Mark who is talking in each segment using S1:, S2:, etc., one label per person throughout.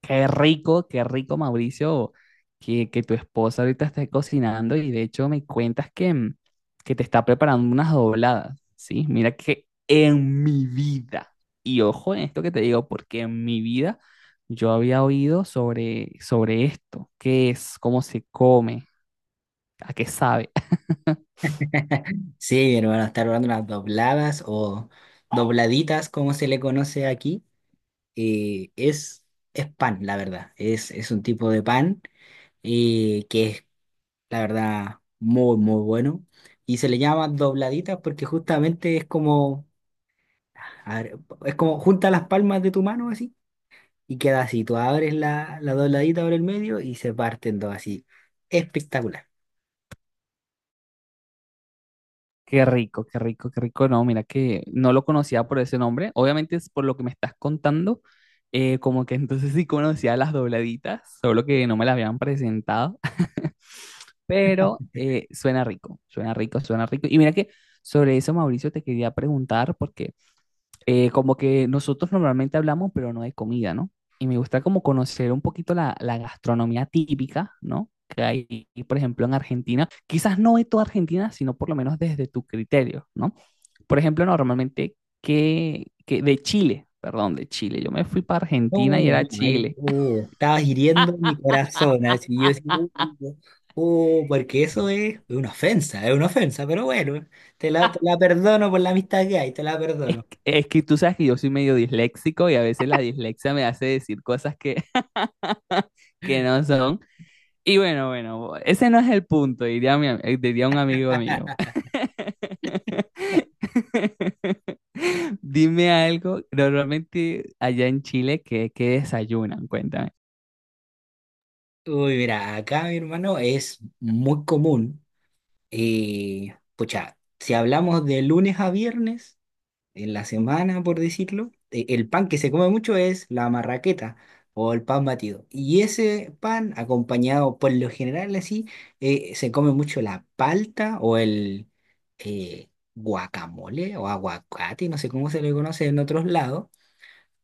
S1: Qué rico, Mauricio, que tu esposa ahorita esté cocinando y de hecho me cuentas que que te está preparando unas dobladas, ¿sí? Mira que en mi vida, y ojo en esto que te digo, porque en mi vida yo había oído sobre esto, qué es, cómo se come, a qué sabe.
S2: Sí, mi hermano, está probando unas dobladas o dobladitas, como se le conoce aquí. Eh, es, es pan, la verdad. Es un tipo de pan que es, la verdad, muy, muy bueno. Y se le llama dobladitas porque justamente es como, a ver, es como junta las palmas de tu mano así y queda así. Tú abres la dobladita por el medio y se parten dos así. Espectacular.
S1: Qué rico, qué rico, qué rico. No, mira que no lo conocía por ese nombre. Obviamente es por lo que me estás contando, como que entonces sí conocía las dobladitas, solo que no me las habían presentado, pero suena rico, suena rico, suena rico. Y mira que sobre eso, Mauricio, te quería preguntar, porque como que nosotros normalmente hablamos, pero no de comida, ¿no? Y me gusta como conocer un poquito la gastronomía típica, ¿no? Que hay, por ejemplo, en Argentina, quizás no de toda Argentina, sino por lo menos desde tu criterio, ¿no? Por ejemplo, normalmente que de Chile, perdón, de Chile. Yo me fui para Argentina y
S2: No,
S1: era
S2: no, ahí,
S1: Chile.
S2: estabas hiriendo mi corazón, así yo así, uh, porque eso es una ofensa, pero bueno, te la, te la perdono por la amistad que hay, te la perdono.
S1: Es que tú sabes que yo soy medio disléxico y a veces la dislexia me hace decir cosas que, que no son. Y bueno, bueno, ese no es el punto, diría, diría un amigo mío. Dime algo, normalmente allá en Chile, ¿qué desayunan? Cuéntame.
S2: Uy, mira, acá mi hermano es muy común, pucha, si hablamos de lunes a viernes, en la semana, por decirlo, el pan que se come mucho es la marraqueta o el pan batido. Y ese pan, acompañado por lo general así, se come mucho la palta o el guacamole o aguacate, no sé cómo se le conoce en otros lados.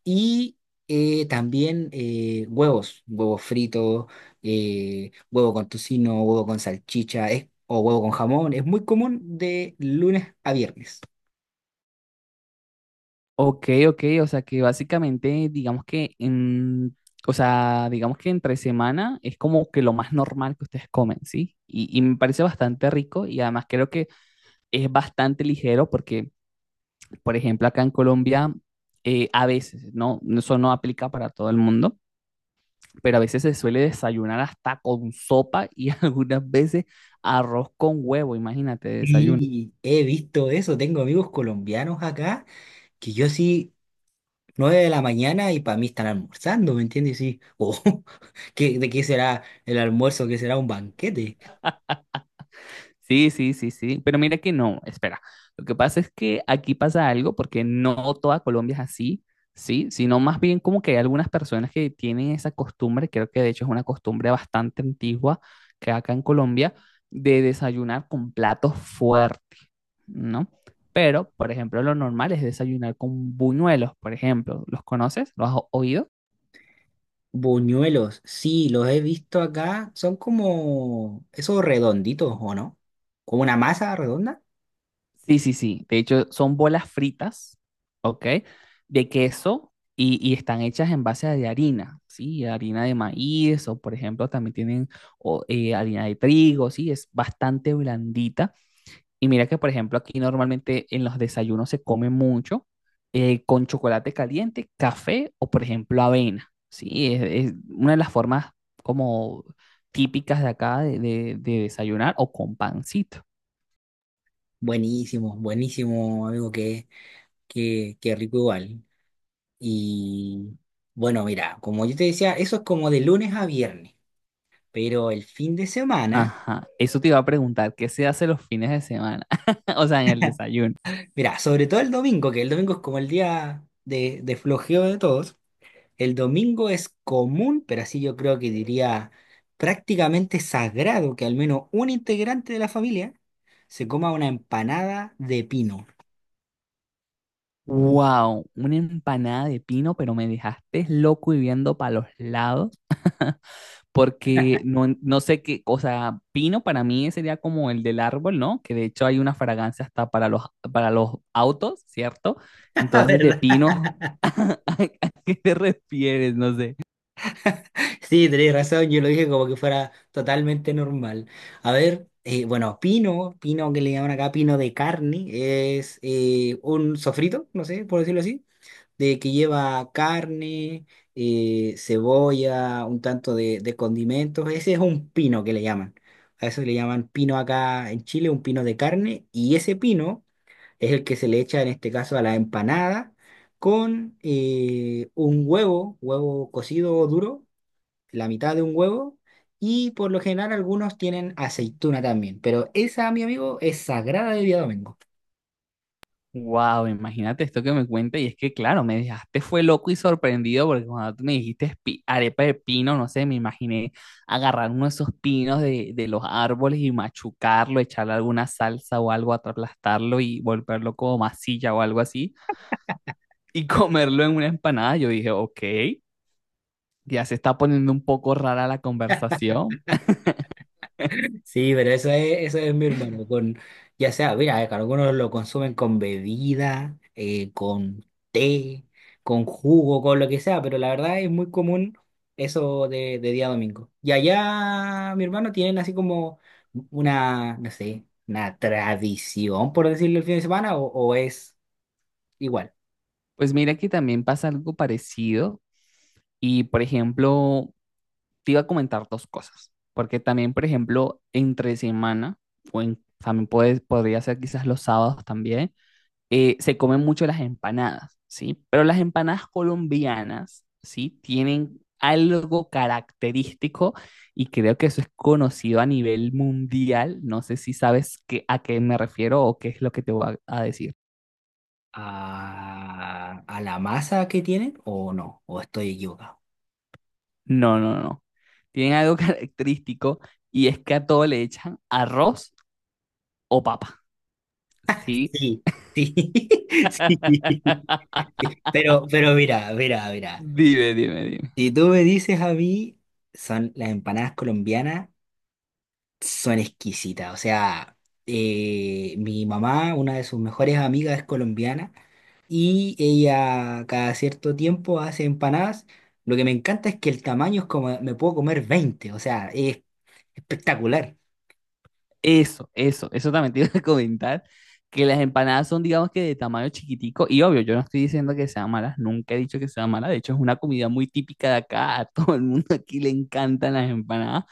S2: Y también huevos, huevos fritos, huevo con tocino, huevo con salchicha, o huevo con jamón. Es muy común de lunes a viernes.
S1: Ok, ok, o sea que básicamente o sea, digamos que entre semana es como que lo más normal que ustedes comen, ¿sí? Y me parece bastante rico y además creo que es bastante ligero porque, por ejemplo, acá en Colombia a veces, ¿no? Eso no aplica para todo el mundo, pero a veces se suele desayunar hasta con sopa y algunas veces arroz con huevo, imagínate, desayuno.
S2: Y he visto eso, tengo amigos colombianos acá que yo sí, 9 de la mañana y para mí están almorzando, ¿me entiendes? Y sí, oh, de qué será el almuerzo? ¿Qué será un banquete?
S1: Sí, sí, sí, sí, pero mira que no, espera. Lo que pasa es que aquí pasa algo porque no toda Colombia es así, ¿sí? Sino más bien como que hay algunas personas que tienen esa costumbre, creo que de hecho es una costumbre bastante antigua que acá en Colombia, de desayunar con platos fuertes, ¿no? Pero, por ejemplo, lo normal es desayunar con buñuelos, por ejemplo. ¿Los conoces? ¿Los has oído?
S2: Buñuelos, sí, los he visto acá, son como esos redonditos, ¿o no? Como una masa redonda.
S1: Sí, sí, sí. De hecho, son bolas fritas, ¿ok? De queso y están hechas en base de harina, ¿sí? Harina de maíz o, por ejemplo, también tienen o, harina de trigo, ¿sí? Es bastante blandita. Y mira que, por ejemplo, aquí normalmente en los desayunos se come mucho con chocolate caliente, café o, por ejemplo, avena. Sí, es una de las formas como típicas de acá de desayunar o con pancito.
S2: Buenísimo, buenísimo, amigo, que qué rico igual. Y bueno, mira, como yo te decía, eso es como de lunes a viernes, pero el fin de semana...
S1: Ajá, eso te iba a preguntar, ¿qué se hace los fines de semana? O sea, en el desayuno.
S2: Mirá, sobre todo el domingo, que el domingo es como el día de flojeo de todos. El domingo es común, pero así yo creo que diría prácticamente sagrado que al menos un integrante de la familia se coma una empanada de pino.
S1: Wow, una empanada de pino, pero me dejaste loco y viendo para los lados, porque no sé qué, o sea, pino para mí sería como el del árbol, ¿no? Que de hecho hay una fragancia hasta para para los autos, ¿cierto?
S2: Ah,
S1: Entonces, de
S2: ¿verdad?
S1: pino, ¿a qué te refieres? No sé.
S2: Sí, tenés razón, yo lo dije como que fuera totalmente normal. A ver, bueno, pino, pino que le llaman acá, pino de carne, es un sofrito, no sé, por decirlo así de que lleva carne, cebolla, un tanto de condimentos. Ese es un pino que le llaman. A eso le llaman pino acá en Chile, un pino de carne. Y ese pino es el que se le echa en este caso a la empanada con un huevo, huevo cocido o duro, la mitad de un huevo. Y por lo general algunos tienen aceituna también. Pero esa, mi amigo, es sagrada de día domingo.
S1: Wow, imagínate esto que me cuenta y es que claro, me dejaste fue loco y sorprendido porque cuando tú me dijiste arepa de pino, no sé, me imaginé agarrar uno de esos pinos de los árboles y machucarlo, echarle alguna salsa o algo, aplastarlo y volverlo como masilla o algo así y comerlo en una empanada. Yo dije, ok, ya se está poniendo un poco rara la conversación.
S2: Sí, pero eso es mi hermano, con, ya sea, mira, que algunos lo consumen con bebida, con té, con jugo, con lo que sea, pero la verdad es muy común eso de día domingo. Y allá, mi hermano, tienen así como una, no sé, una tradición, por decirlo, el fin de semana, o es igual
S1: Pues mira que también pasa algo parecido y por ejemplo, te iba a comentar dos cosas, porque también, por ejemplo, entre semana, también puede, podría ser quizás los sábados también, se comen mucho las empanadas, ¿sí? Pero las empanadas colombianas, ¿sí? Tienen algo característico y creo que eso es conocido a nivel mundial. No sé si sabes a qué me refiero o qué es lo que te voy a decir.
S2: a la masa que tienen, o no, o estoy equivocado.
S1: No, no, no. Tienen algo característico y es que a todo le echan arroz o papa, ¿sí?
S2: Sí, sí, sí. Pero mira, mira, mira.
S1: Dime, dime, dime.
S2: Si tú me dices a mí, son las empanadas colombianas, son exquisitas. O sea, mi mamá, una de sus mejores amigas, es colombiana y ella cada cierto tiempo hace empanadas. Lo que me encanta es que el tamaño es como, me puedo comer 20, o sea, es espectacular.
S1: Eso también te iba a comentar, que las empanadas son, digamos que de tamaño chiquitico, y obvio, yo no estoy diciendo que sean malas, nunca he dicho que sean malas, de hecho es una comida muy típica de acá, a todo el mundo aquí le encantan las empanadas,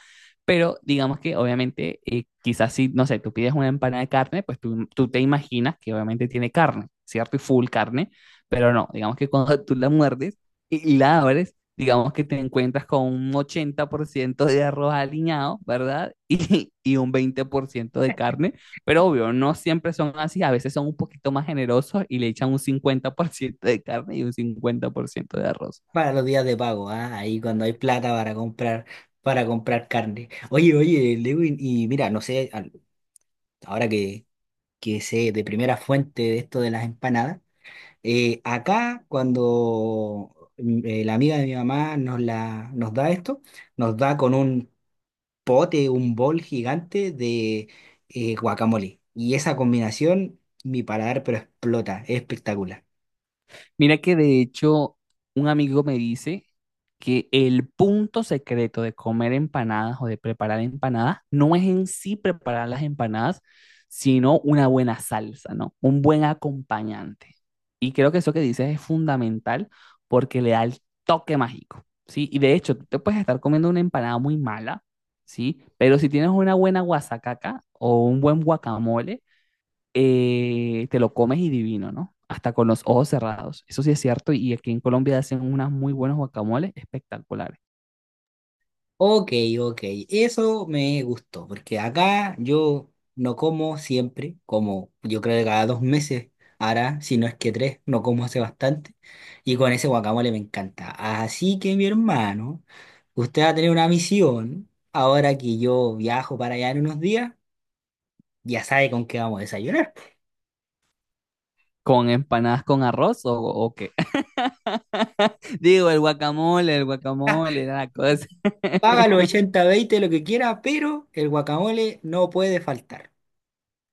S1: pero digamos que obviamente, quizás si, no sé, tú pides una empanada de carne, pues tú te imaginas que obviamente tiene carne, ¿cierto? Y full carne, pero no, digamos que cuando tú la muerdes y la abres, digamos que te encuentras con un 80% de arroz aliñado, ¿verdad? Y un 20% de carne, pero obvio, no siempre son así, a veces son un poquito más generosos y le echan un 50% de carne y un 50% de arroz.
S2: Para los días de pago, ah, ahí cuando hay plata para comprar carne. Oye, oye, Lewin, y mira, no sé, ahora que, sé de primera fuente de esto de las empanadas, acá cuando la amiga de mi mamá nos da esto, nos da con un pote, un bol gigante de guacamole. Y esa combinación, mi paladar, pero explota, es espectacular.
S1: Mira que de hecho un amigo me dice que el punto secreto de comer empanadas o de preparar empanadas no es en sí preparar las empanadas, sino una buena salsa, ¿no? Un buen acompañante. Y creo que eso que dices es fundamental porque le da el toque mágico, ¿sí? Y de hecho, tú te puedes estar comiendo una empanada muy mala, ¿sí? Pero si tienes una buena guasacaca o un buen guacamole, te lo comes y divino, ¿no? Hasta con los ojos cerrados. Eso sí es cierto. Y aquí en Colombia hacen unas muy buenos guacamoles espectaculares.
S2: Ok, ok, eso me gustó, porque acá yo no como siempre, como yo creo que cada 2 meses ahora, si no es que tres, no como hace bastante, y con ese guacamole me encanta. Así que mi hermano, usted va a tener una misión, ahora que yo viajo para allá en unos días, ya sabe con qué vamos a desayunar.
S1: ¿Con empanadas con arroz o qué? Digo, el guacamole, era la cosa.
S2: Paga los 80-20 lo que quiera, pero el guacamole no puede faltar.